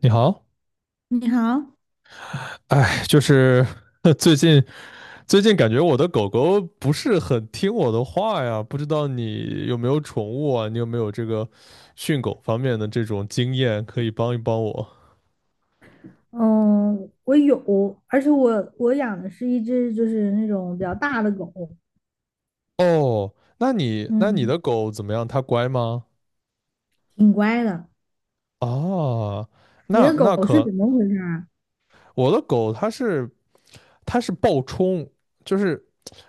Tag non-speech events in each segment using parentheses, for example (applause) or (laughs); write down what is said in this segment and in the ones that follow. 你好。你好，哎，就是 (laughs) 最近最近感觉我的狗狗不是很听我的话呀，不知道你有没有宠物啊？你有没有这个训狗方面的这种经验，可以帮一帮我？嗯，我有，而且我养的是一只就是那种比较大的狗，哦，那你那你嗯，的狗怎么样？它乖吗？挺乖的。啊，你那的那狗是可怎么回事啊？我的狗它是暴冲，就是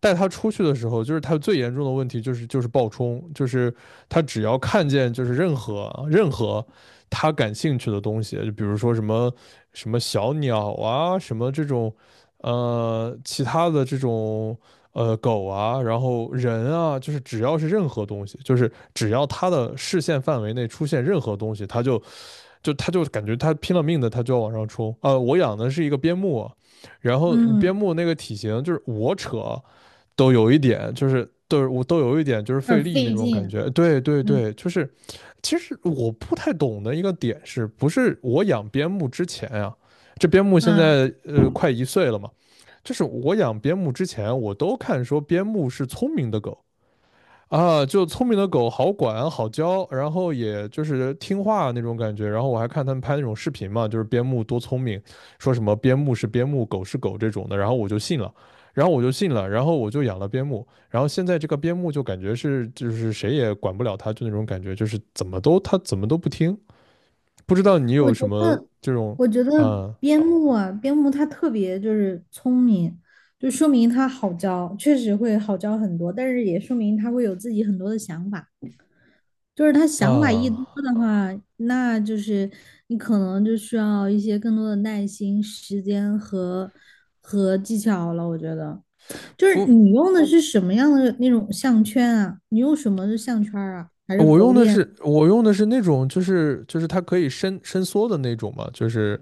带它出去的时候，就是它最严重的问题就是暴冲，就是它只要看见就是任何它感兴趣的东西，就比如说什么小鸟啊，什么这种其他的这种狗啊，然后人啊，就是只要是任何东西，就是只要它的视线范围内出现任何东西，它就感觉他拼了命的，他就要往上冲。我养的是一个边牧，然后边嗯，牧那个体型就是我扯都有一点，就是我都有一点就是有点费力那费种感劲，觉。对对嗯对，就是其实我不太懂的一个点是不是我养边牧之前啊，这边牧现啊，在快一岁了嘛，就是我养边牧之前，我都看说边牧是聪明的狗，啊，就聪明的狗好管好教，然后也就是听话那种感觉。然后我还看他们拍那种视频嘛，就是边牧多聪明，说什么边牧是边牧，狗是狗这种的，然后我就信了，然后我就信了，然后我就养了边牧，然后现在这个边牧就感觉是就是谁也管不了它，就那种感觉，就是怎么都它怎么都不听。不知道你我有觉什么得，这种。我觉得啊。边牧啊，边牧它特别就是聪明，就说明它好教，确实会好教很多，但是也说明它会有自己很多的想法。就是他想法一多的啊。话，那就是你可能就需要一些更多的耐心、时间和技巧了。我觉得，就是不。你用的是什么样的那种项圈啊？你用什么的项圈儿啊？还是我狗用的链？是我用的是那种，就是它可以伸伸缩的那种嘛，就是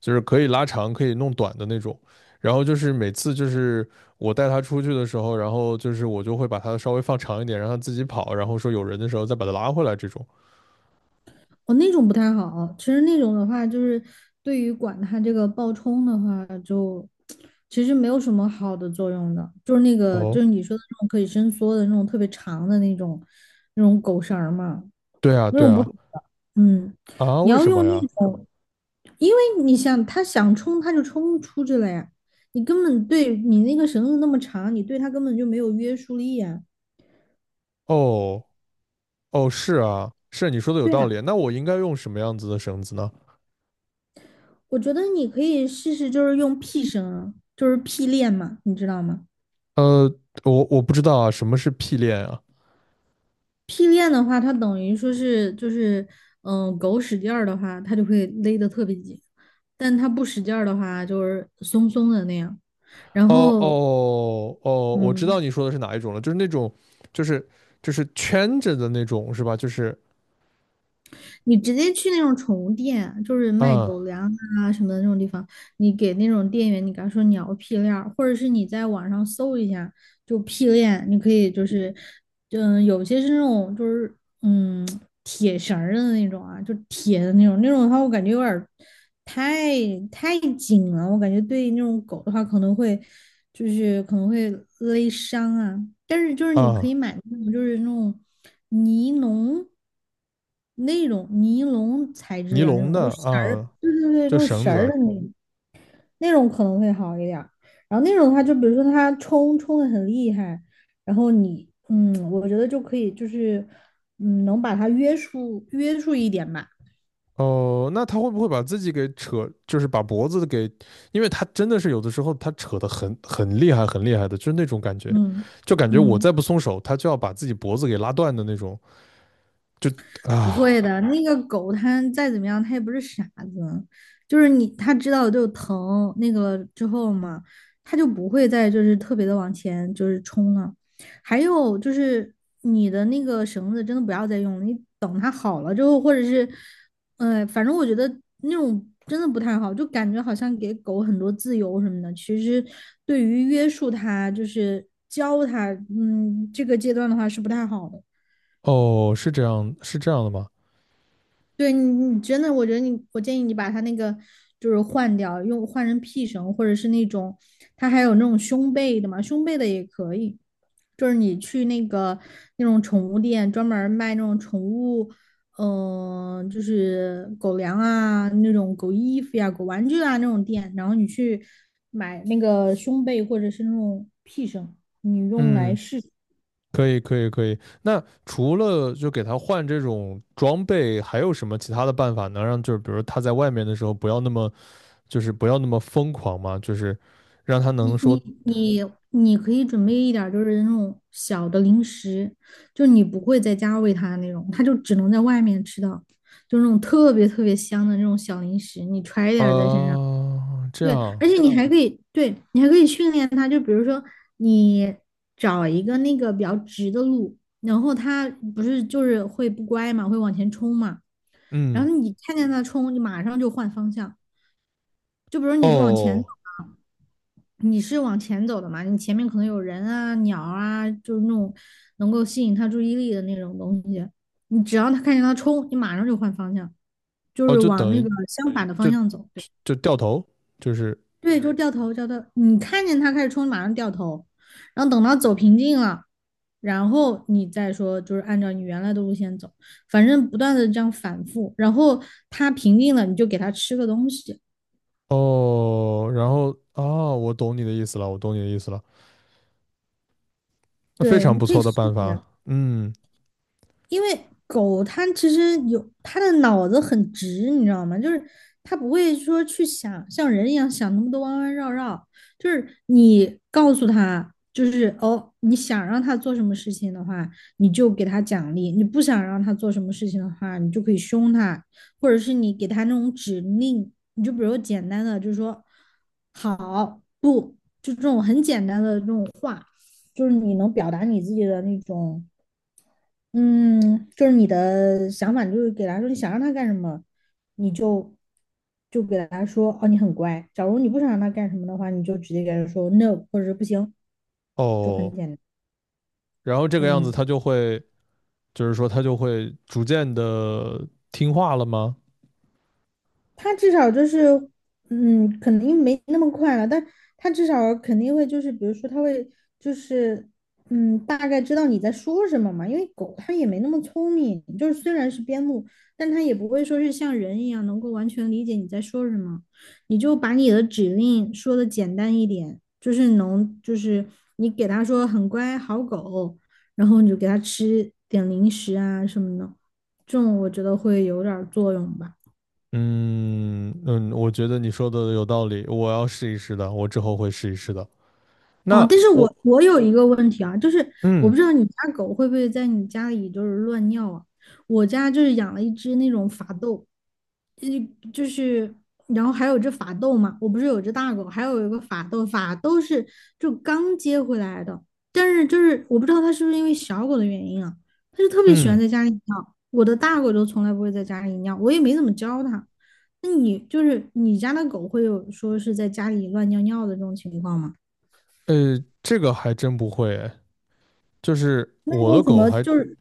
就是可以拉长、可以弄短的那种。然后就是每次就是我带它出去的时候，然后就是我就会把它稍微放长一点，让它自己跑，然后说有人的时候再把它拉回来这种。哦，那种不太好。其实那种的话，就是对于管它这个爆冲的话，就其实没有什么好的作用的。就是那个，就是哦。你说的那种可以伸缩的那种特别长的那种狗绳儿嘛。对啊，对啊。嗯，啊，你为要什么用那呀？种，因为你想他想冲他就冲出去了呀，你根本对你那个绳子那么长，你对它根本就没有约束力呀。哦哦，是啊，是啊，你说的有对道啊，理。那我应该用什么样子的绳子呢？我觉得你可以试试，就是用 P 绳啊就是 P 链嘛，你知道吗呃，我我不知道啊，什么是屁链啊？？P 链的话，它等于说是就是嗯，狗使劲儿的话，它就会勒得特别紧，但它不使劲儿的话，就是松松的那样。然哦后哦哦，我知道嗯，你说的是哪一种了，就是那种，就是就是圈着的那种，是吧？就是。你直接去那种宠物店，就是卖啊。狗粮啊什么的那种地方，你给那种店员，你跟他说你要屁链儿，或者是你在网上搜一下，就屁链，你可以就是，嗯，有些是那种就是。嗯，铁绳儿的那种啊，就铁的那种，那种的话我感觉有点儿太太紧了，我感觉对那种狗的话可能会就是可能会勒伤啊。但是就是你可以啊，买那种就是那种尼龙那种尼龙材质尼的那龙种，就的是绳儿，啊，对对对，那就种绳绳儿子。的那种。那种可能会好一点然后那种的话，就比如说他冲的很厉害，然后你，嗯，我觉得就可以，就是，嗯，能把它约束约束一点吧。哦，那他会不会把自己给扯，就是把脖子给，因为他真的是有的时候他扯得很厉害，很厉害的，就是那种感觉，嗯就感觉我再嗯。不松手，他就要把自己脖子给拉断的那种，就不会啊。的，那个狗它再怎么样，它也不是傻子，就是你它知道就疼那个之后嘛，它就不会再就是特别的往前就是冲了。还有就是你的那个绳子真的不要再用了，你等它好了之后，或者是，反正我觉得那种真的不太好，就感觉好像给狗很多自由什么的，其实对于约束它，就是教它，嗯，这个阶段的话是不太好的。哦，是这样，是这样的吗？对你，你真的，我觉得你，我建议你把它那个就是换掉，用换成屁绳，或者是那种，它还有那种胸背的嘛，胸背的也可以。就是你去那个那种宠物店，专门儿卖那种宠物，嗯、就是狗粮啊，那种狗衣服呀、狗玩具啊那种店，然后你去买那个胸背或者是那种屁绳，你用来嗯。试。可以，可以，可以。那除了就给他换这种装备，还有什么其他的办法能让就是，比如他在外面的时候不要那么就是不要那么疯狂嘛？就是让他你能说。你你你可以准备一点儿，就是那种小的零食，就是你不会在家喂它的那种，它就只能在外面吃到，就是那种特别特别香的那种小零食，你揣一啊、点儿在身上。呃这对，样。而且你还可以，对，你还可以训练它，就比如说你找一个那个比较直的路，然后它不是就是会不乖嘛，会往前冲嘛，然嗯。后你看见它冲，你马上就换方向，就比如你是往前走。哦你是往前走的嘛，你前面可能有人啊、鸟啊，就是那种能够吸引他注意力的那种东西。你只要他看见他冲，你马上就换方向，就哦，是就往等那于个相反的方就向走。对就掉头，就是。对，就掉头。你看见他开始冲，马上掉头，然后等到走平静了，然后你再说，就是按照你原来的路线走，反正不断的这样反复。然后他平静了，你就给他吃个东西。哦，然后啊，我懂你的意思了，我懂你的意思了，非对，常你不可以错的试办一下。法，嗯。因为狗它其实有它的脑子很直，你知道吗？就是它不会说去想像人一样想那么多弯弯绕绕。就是你告诉它，就是哦，你想让它做什么事情的话，你就给它奖励；你不想让它做什么事情的话，你就可以凶它，或者是你给它那种指令。你就比如简单的，就是说好不，就这种很简单的这种话，就是你能表达你自己的那种。嗯，就是你的想法，就是给他说你想让他干什么，你就给他说哦，你很乖。假如你不想让他干什么的话，你就直接给他说 no 或者是不行，就很哦，简单。然后这个样子嗯。他就会。就是说它就会逐渐的听话了吗？他至少就是，嗯，肯定没那么快了，但他至少肯定会就是，比如说他会就是，嗯，大概知道你在说什么嘛，因为狗它也没那么聪明，就是虽然是边牧，但它也不会说是像人一样能够完全理解你在说什么，你就把你的指令说的简单一点，就是能就是你给它说很乖好狗，然后你就给它吃点零食啊什么的，这种我觉得会有点儿作用吧。嗯嗯，我觉得你说的有道理，我要试一试的，我之后会试一试的。哦，那但是我我有一个问题啊，就是我嗯。不知道你家狗会不会在你家里就是乱尿啊？我家就是养了一只那种法斗，呃，就是然后还有只法斗嘛，我不是有只大狗，还有一个法斗，法斗是就刚接回来的，但是就是我不知道它是不是因为小狗的原因啊，它就特别喜欢嗯。在家里尿，我的大狗就从来不会在家里尿，我也没怎么教它。那你就是你家的狗会有说是在家里乱尿尿的这种情况吗？这个还真不会诶，就是那我你有的什狗么还就是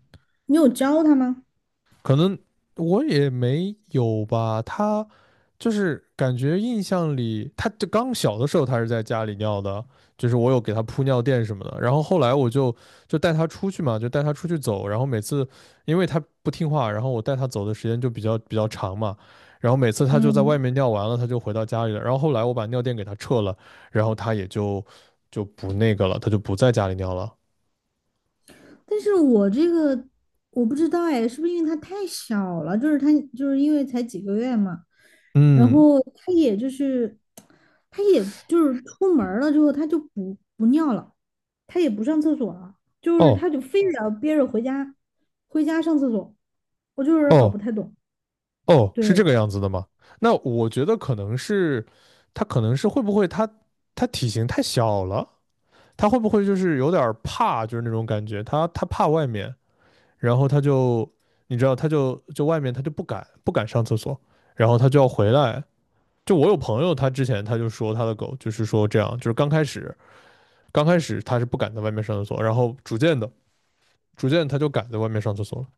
你有教他吗？可能我也没有吧，他就是感觉印象里，他就刚小的时候他是在家里尿的，就是我有给他铺尿垫什么的，然后后来我就就带他出去嘛，就带他出去走，然后每次因为他不听话，然后我带他走的时间就比较长嘛，然后每次他就在外嗯，面尿完了，他就回到家里了，然后后来我把尿垫给他撤了，然后他也就就不那个了，他就不在家里尿了。但是我这个我不知道哎，是不是因为他太小了？就是他就是因为才几个月嘛，然嗯。后他也就是他也就是出门儿了之后他就不尿了，他也不上厕所了，就是哦他就非得要憋着回家上厕所，我就是有点儿搞哦。不太懂。哦，是这对，个样子的吗？那我觉得可能是，它可能是会不会它它体型太小了，它会不会就是有点儿怕，就是那种感觉，它它怕外面，然后它就你知道，它就就外面它就不敢上厕所，然后它就要回来。就我有朋友，他之前他就说他的狗就是说这样，就是刚开始它是不敢在外面上厕所，然后逐渐的逐渐它就敢在外面上厕所了。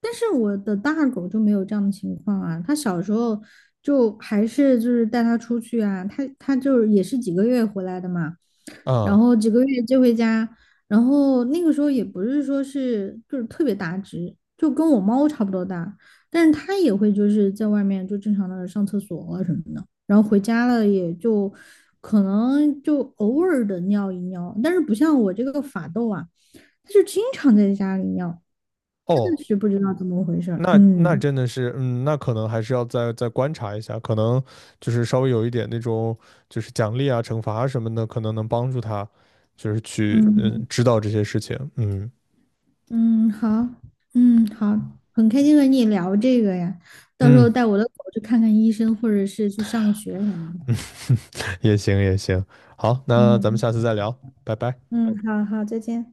但是我的大狗就没有这样的情况啊，它小时候就还是就是带它出去啊，它就是也是几个月回来的嘛，然啊。后几个月接回家，然后那个时候也不是说是就是特别大只，就跟我猫差不多大，但是它也会就是在外面就正常的上厕所啊什么的，然后回家了也就可能就偶尔的尿一尿，但是不像我这个法斗啊，它就经常在家里尿。真的哦，是不知道怎么回事儿。那那嗯真的是，嗯，那可能还是要再观察一下，可能就是稍微有一点那种，就是奖励啊、惩罚啊什么的，可能能帮助他，就是去嗯嗯知道这些事情。嗯。嗯，好，嗯好，很开心和你聊这个呀。到时嗯候带我的狗去看看医生，或者是去上个学什么的。嗯，(laughs) 也行也行，好，那咱们嗯下次再聊，拜拜。嗯，好好，再见。